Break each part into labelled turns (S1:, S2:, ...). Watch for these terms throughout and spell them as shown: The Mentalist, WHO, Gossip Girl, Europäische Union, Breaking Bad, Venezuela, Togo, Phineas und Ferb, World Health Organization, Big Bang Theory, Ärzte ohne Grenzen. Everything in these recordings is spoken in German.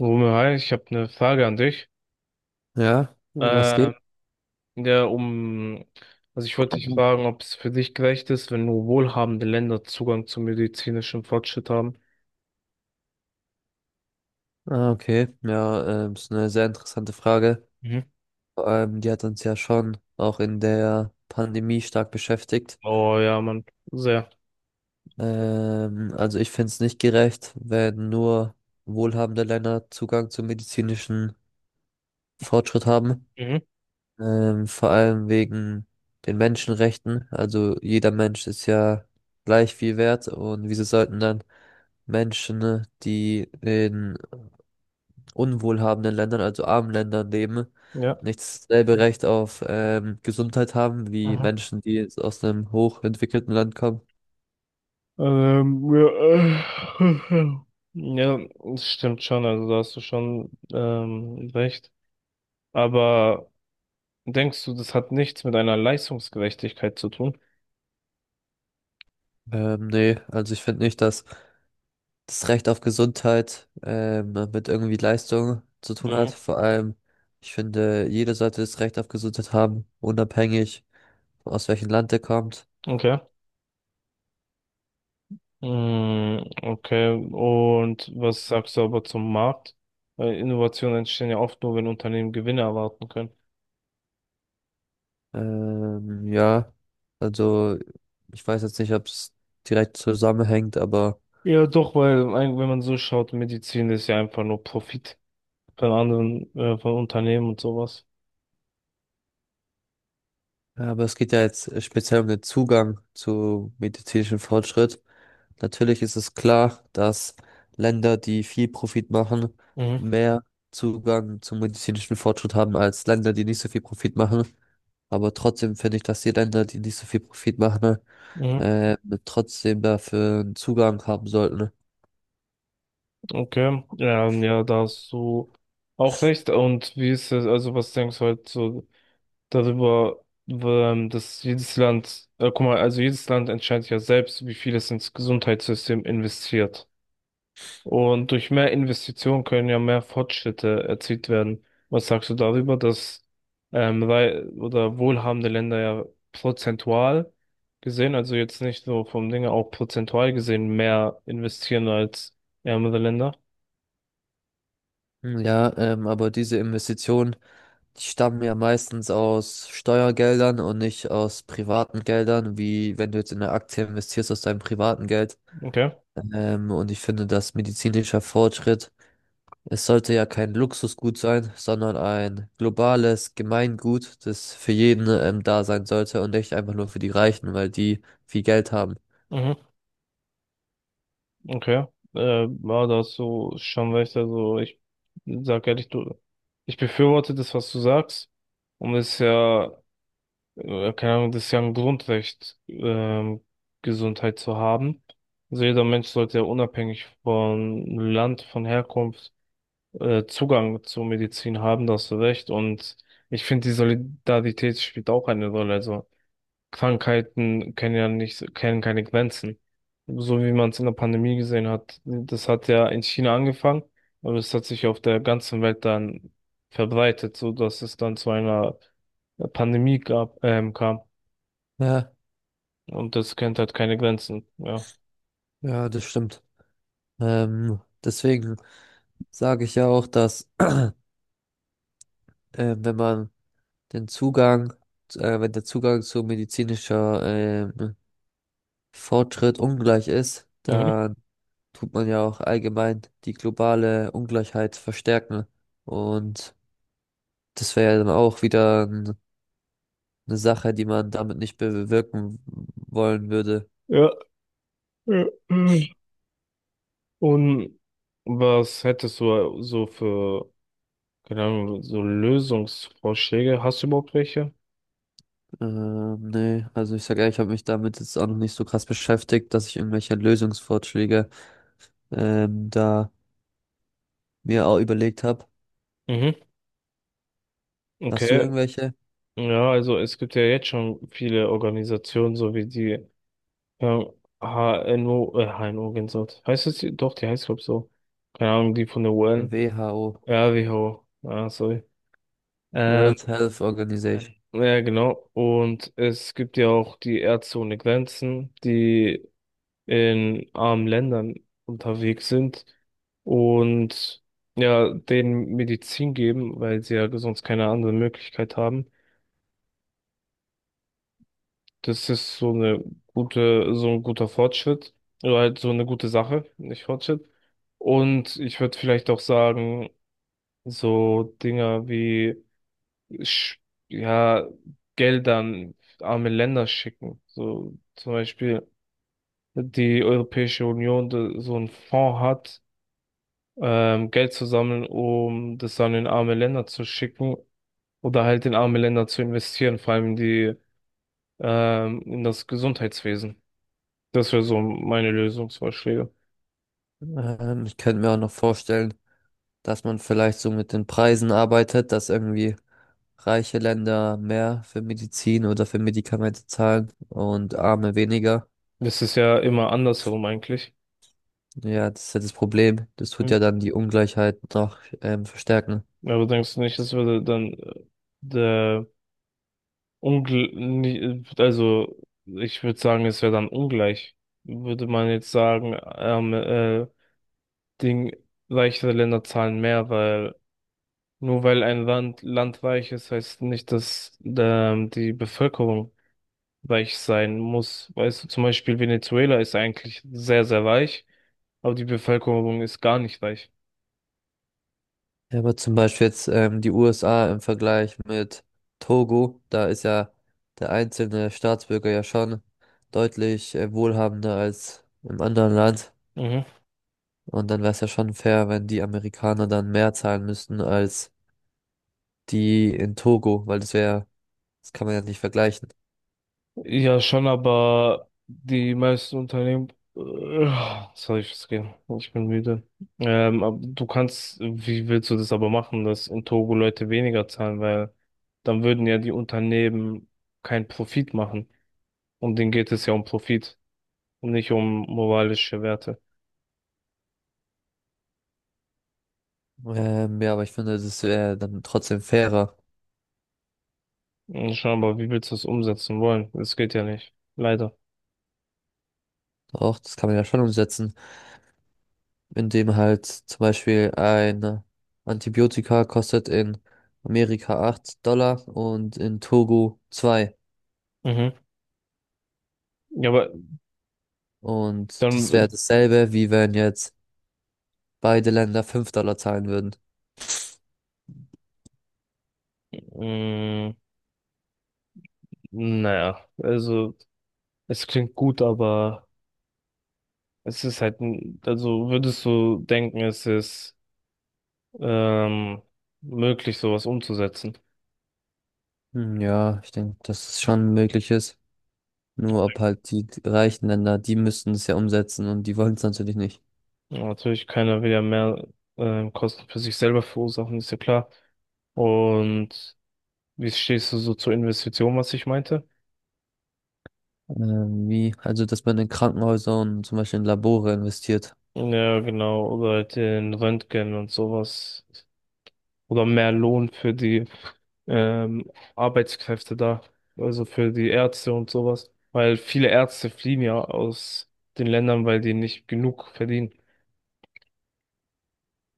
S1: Romeo, hi, ich habe eine Frage an dich.
S2: Ja, um was
S1: Ähm,
S2: geht?
S1: ja, um, also ich wollte dich fragen, ob es für dich gerecht ist, wenn nur wohlhabende Länder Zugang zu medizinischem Fortschritt haben.
S2: Ah, okay. Ja, ist eine sehr interessante Frage.
S1: Mhm.
S2: Vor allem, die hat uns ja schon auch in der Pandemie stark beschäftigt.
S1: Oh ja, Mann, sehr.
S2: Also ich finde es nicht gerecht, wenn nur wohlhabende Länder Zugang zum medizinischen Fortschritt haben.
S1: Mhm.
S2: Vor allem wegen den Menschenrechten. Also jeder Mensch ist ja gleich viel wert und wieso sollten dann Menschen, ne, die in unwohlhabenden Ländern, also armen Ländern leben,
S1: Ja.
S2: nicht dasselbe Recht auf Gesundheit haben wie
S1: Aha.
S2: Menschen, die jetzt aus einem hochentwickelten Land kommen.
S1: Ja, äh, ja, das stimmt schon, also da hast du schon recht. Aber denkst du, das hat nichts mit einer Leistungsgerechtigkeit zu tun?
S2: Nee, also ich finde nicht, dass das Recht auf Gesundheit mit irgendwie Leistung zu tun
S1: Mhm.
S2: hat. Vor allem, ich finde, jeder sollte das Recht auf Gesundheit haben, unabhängig aus welchem Land er kommt.
S1: Okay. Mm, okay, und was sagst du aber zum Markt? Weil Innovationen entstehen ja oft nur, wenn Unternehmen Gewinne erwarten können.
S2: Ja, also ich weiß jetzt nicht, ob es direkt zusammenhängt, aber
S1: Ja, doch, weil wenn man so schaut, Medizin ist ja einfach nur Profit von anderen, von Unternehmen und sowas.
S2: ja, aber es geht ja jetzt speziell um den Zugang zu medizinischem Fortschritt. Natürlich ist es klar, dass Länder, die viel Profit machen,
S1: Mhm.
S2: mehr Zugang zum medizinischen Fortschritt haben als Länder, die nicht so viel Profit machen. Aber trotzdem finde ich, dass die Länder, die nicht so viel Profit machen,
S1: Mhm.
S2: äh, trotzdem dafür einen Zugang haben sollten.
S1: Okay, ja, ja, da hast du auch recht. Und wie ist es, also was denkst du halt so darüber, dass jedes Land, guck mal, also jedes Land entscheidet ja selbst, wie viel es ins Gesundheitssystem investiert. Und durch mehr Investitionen können ja mehr Fortschritte erzielt werden. Was sagst du darüber, dass oder wohlhabende Länder ja prozentual gesehen, also jetzt nicht so vom Dinge, auch prozentual gesehen mehr investieren als ärmere Länder?
S2: Hm, ja, aber diese Investitionen, die stammen ja meistens aus Steuergeldern und nicht aus privaten Geldern, wie wenn du jetzt in eine Aktie investierst aus deinem privaten Geld.
S1: Okay.
S2: Und ich finde, dass medizinischer Fortschritt, es sollte ja kein Luxusgut sein, sondern ein globales Gemeingut, das für jeden, da sein sollte und nicht einfach nur für die Reichen, weil die viel Geld haben.
S1: Mhm. Okay. Ja, da hast du schon recht. Also ich sag ehrlich, du, ich befürworte das, was du sagst. Und es ist ja keine Ahnung, das ist ja ein Grundrecht, Gesundheit zu haben. Also jeder Mensch sollte ja unabhängig von Land, von Herkunft, Zugang zur Medizin haben, da hast du recht. Und ich finde, die Solidarität spielt auch eine Rolle. Also Krankheiten kennen ja nicht, kennen keine Grenzen. So wie man es in der Pandemie gesehen hat, das hat ja in China angefangen, aber es hat sich auf der ganzen Welt dann verbreitet, so dass es dann zu einer Pandemie gab, kam.
S2: Ja,
S1: Und das kennt halt keine Grenzen. Ja.
S2: ja, das stimmt. Deswegen sage ich ja auch, dass äh, wenn man den Zugang, wenn der Zugang zu medizinischer ähm, Fortschritt ungleich ist,
S1: Mhm.
S2: dann tut man ja auch allgemein die globale Ungleichheit verstärken. Und das wäre ja dann auch eine Sache, die man damit nicht bewirken wollen würde.
S1: Ja. Ja, mhm. Und was hättest du so für, keine Ahnung, so Lösungsvorschläge? Hast du überhaupt welche?
S2: Nee, also ich sag ehrlich, ich habe mich damit jetzt auch noch nicht so krass beschäftigt, dass ich irgendwelche Lösungsvorschläge da mir auch überlegt habe.
S1: Mhm.
S2: Hast du
S1: Okay.
S2: irgendwelche?
S1: Ja, also es gibt ja jetzt schon viele Organisationen, so wie die ähm, H ja, HNO, HNO Gänsehaut. Heißt es die? Doch, die heißt glaub so. Keine Ahnung, die von der UN.
S2: WHO,
S1: Ja, WHO. Ah, sorry. Ähm,
S2: World Health Organization.
S1: ja, genau. Und es gibt ja auch die Ärzte ohne Grenzen, die in armen Ländern unterwegs sind und ja, denen Medizin geben, weil sie ja sonst keine andere Möglichkeit haben. Das ist so eine gute, so ein guter Fortschritt oder halt so eine gute Sache, nicht Fortschritt. Und ich würde vielleicht auch sagen, so Dinger wie, Sch- ja, Geldern arme Länder schicken. So zum Beispiel die Europäische Union da so einen Fonds hat, Geld zu sammeln, um das dann in arme Länder zu schicken oder halt in arme Länder zu investieren, vor allem in die, in das Gesundheitswesen. Das wäre so meine Lösungsvorschläge.
S2: Ich könnte mir auch noch vorstellen, dass man vielleicht so mit den Preisen arbeitet, dass irgendwie reiche Länder mehr für Medizin oder für Medikamente zahlen und arme weniger.
S1: Das ist ja immer andersherum eigentlich.
S2: Ja, das ist ja das Problem. Das tut
S1: Mhm.
S2: ja dann die Ungleichheit noch verstärken.
S1: Aber denkst du nicht, das würde dann der Ungl nie- also ich würde sagen, es wäre dann ungleich. Würde man jetzt sagen, Ding, reichere Länder zahlen mehr, weil Nur weil ein Land weich ist, heißt nicht, dass die Bevölkerung weich sein muss. Weißt du, zum Beispiel Venezuela ist eigentlich sehr, sehr weich, aber die Bevölkerung ist gar nicht weich.
S2: Ja, aber zum Beispiel jetzt die USA im Vergleich mit Togo, da ist ja der einzelne Staatsbürger ja schon deutlich wohlhabender als im anderen Land.
S1: Mhm.
S2: Und dann wäre es ja schon fair, wenn die Amerikaner dann mehr zahlen müssten als die in Togo, weil das wäre, das kann man ja nicht vergleichen.
S1: Ja, schon, aber die meisten Unternehmen. Äh, Sorry, ich muss gehen. Ich bin müde. Aber du kannst, wie willst du das aber machen, dass in Togo Leute weniger zahlen, weil dann würden ja die Unternehmen keinen Profit machen. Und denen geht es ja um Profit, und nicht um moralische Werte.
S2: Ja, aber ich finde, das wäre dann trotzdem fairer.
S1: Und schon, aber wie willst du das umsetzen wollen? Das geht ja nicht. Leider.
S2: Auch das kann man ja schon umsetzen, indem halt zum Beispiel ein Antibiotika kostet in Amerika $8 und in Togo 2.
S1: Mhm. Ja, aber
S2: Und das wäre
S1: dann,
S2: dasselbe, wie wenn jetzt beide Länder $5 zahlen würden.
S1: äh, mh, naja, also es klingt gut, aber es ist halt, also würdest du denken, es ist ähm, möglich, sowas umzusetzen?
S2: Hm, ja, ich denke, dass es schon möglich ist. Nur ob halt die reichen Länder, die müssten es ja umsetzen und die wollen es natürlich nicht.
S1: Ja, natürlich, keiner will ja mehr Kosten für sich selber verursachen, ist ja klar. Und wie stehst du so zur Investition, was ich meinte?
S2: Wie? Also, dass man in Krankenhäuser und zum Beispiel in Labore investiert.
S1: Ja, genau. Oder halt den Röntgen und sowas. Oder mehr Lohn für die ähm, Arbeitskräfte da. Also für die Ärzte und sowas. Weil viele Ärzte fliehen ja aus den Ländern, weil die nicht genug verdienen.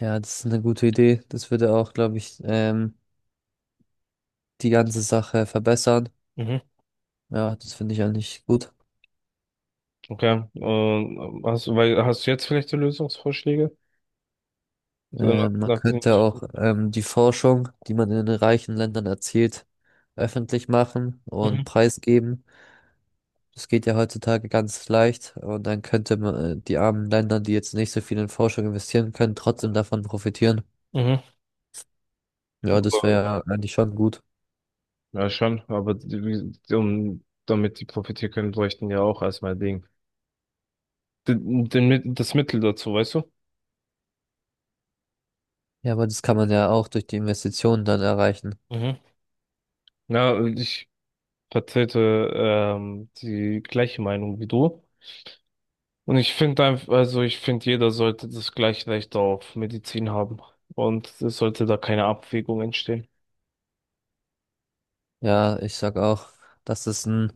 S2: Ja, das ist eine gute Idee. Das würde auch, glaube ich, die ganze Sache verbessern.
S1: Mhm.
S2: Ja, das finde ich eigentlich gut.
S1: Okay. Und hast du, weil, hast du jetzt vielleicht die Lösungsvorschläge? So, nach,
S2: Man
S1: nach den,
S2: könnte auch die Forschung, die man in den reichen Ländern erzielt, öffentlich machen
S1: mhm.
S2: und preisgeben. Das geht ja heutzutage ganz leicht und dann könnte man die armen Länder, die jetzt nicht so viel in Forschung investieren können, trotzdem davon profitieren.
S1: Mhm.
S2: Ja, das
S1: Aber-
S2: wäre ja eigentlich schon gut.
S1: Ja, schon. Aber die, um, damit die profitieren können, bräuchten ja auch erstmal Ding. Das Mittel dazu, weißt du?
S2: Ja, aber das kann man ja auch durch die Investitionen dann erreichen.
S1: Mhm. Ja, ich vertrete die gleiche Meinung wie du. Und ich finde einfach, also ich finde, jeder sollte das gleiche Recht auf Medizin haben. Und es sollte da keine Abwägung entstehen.
S2: Ja, ich sag auch, dass es ein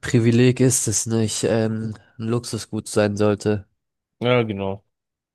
S2: Privileg ist, das nicht ein Luxusgut sein sollte.
S1: Ja, genau.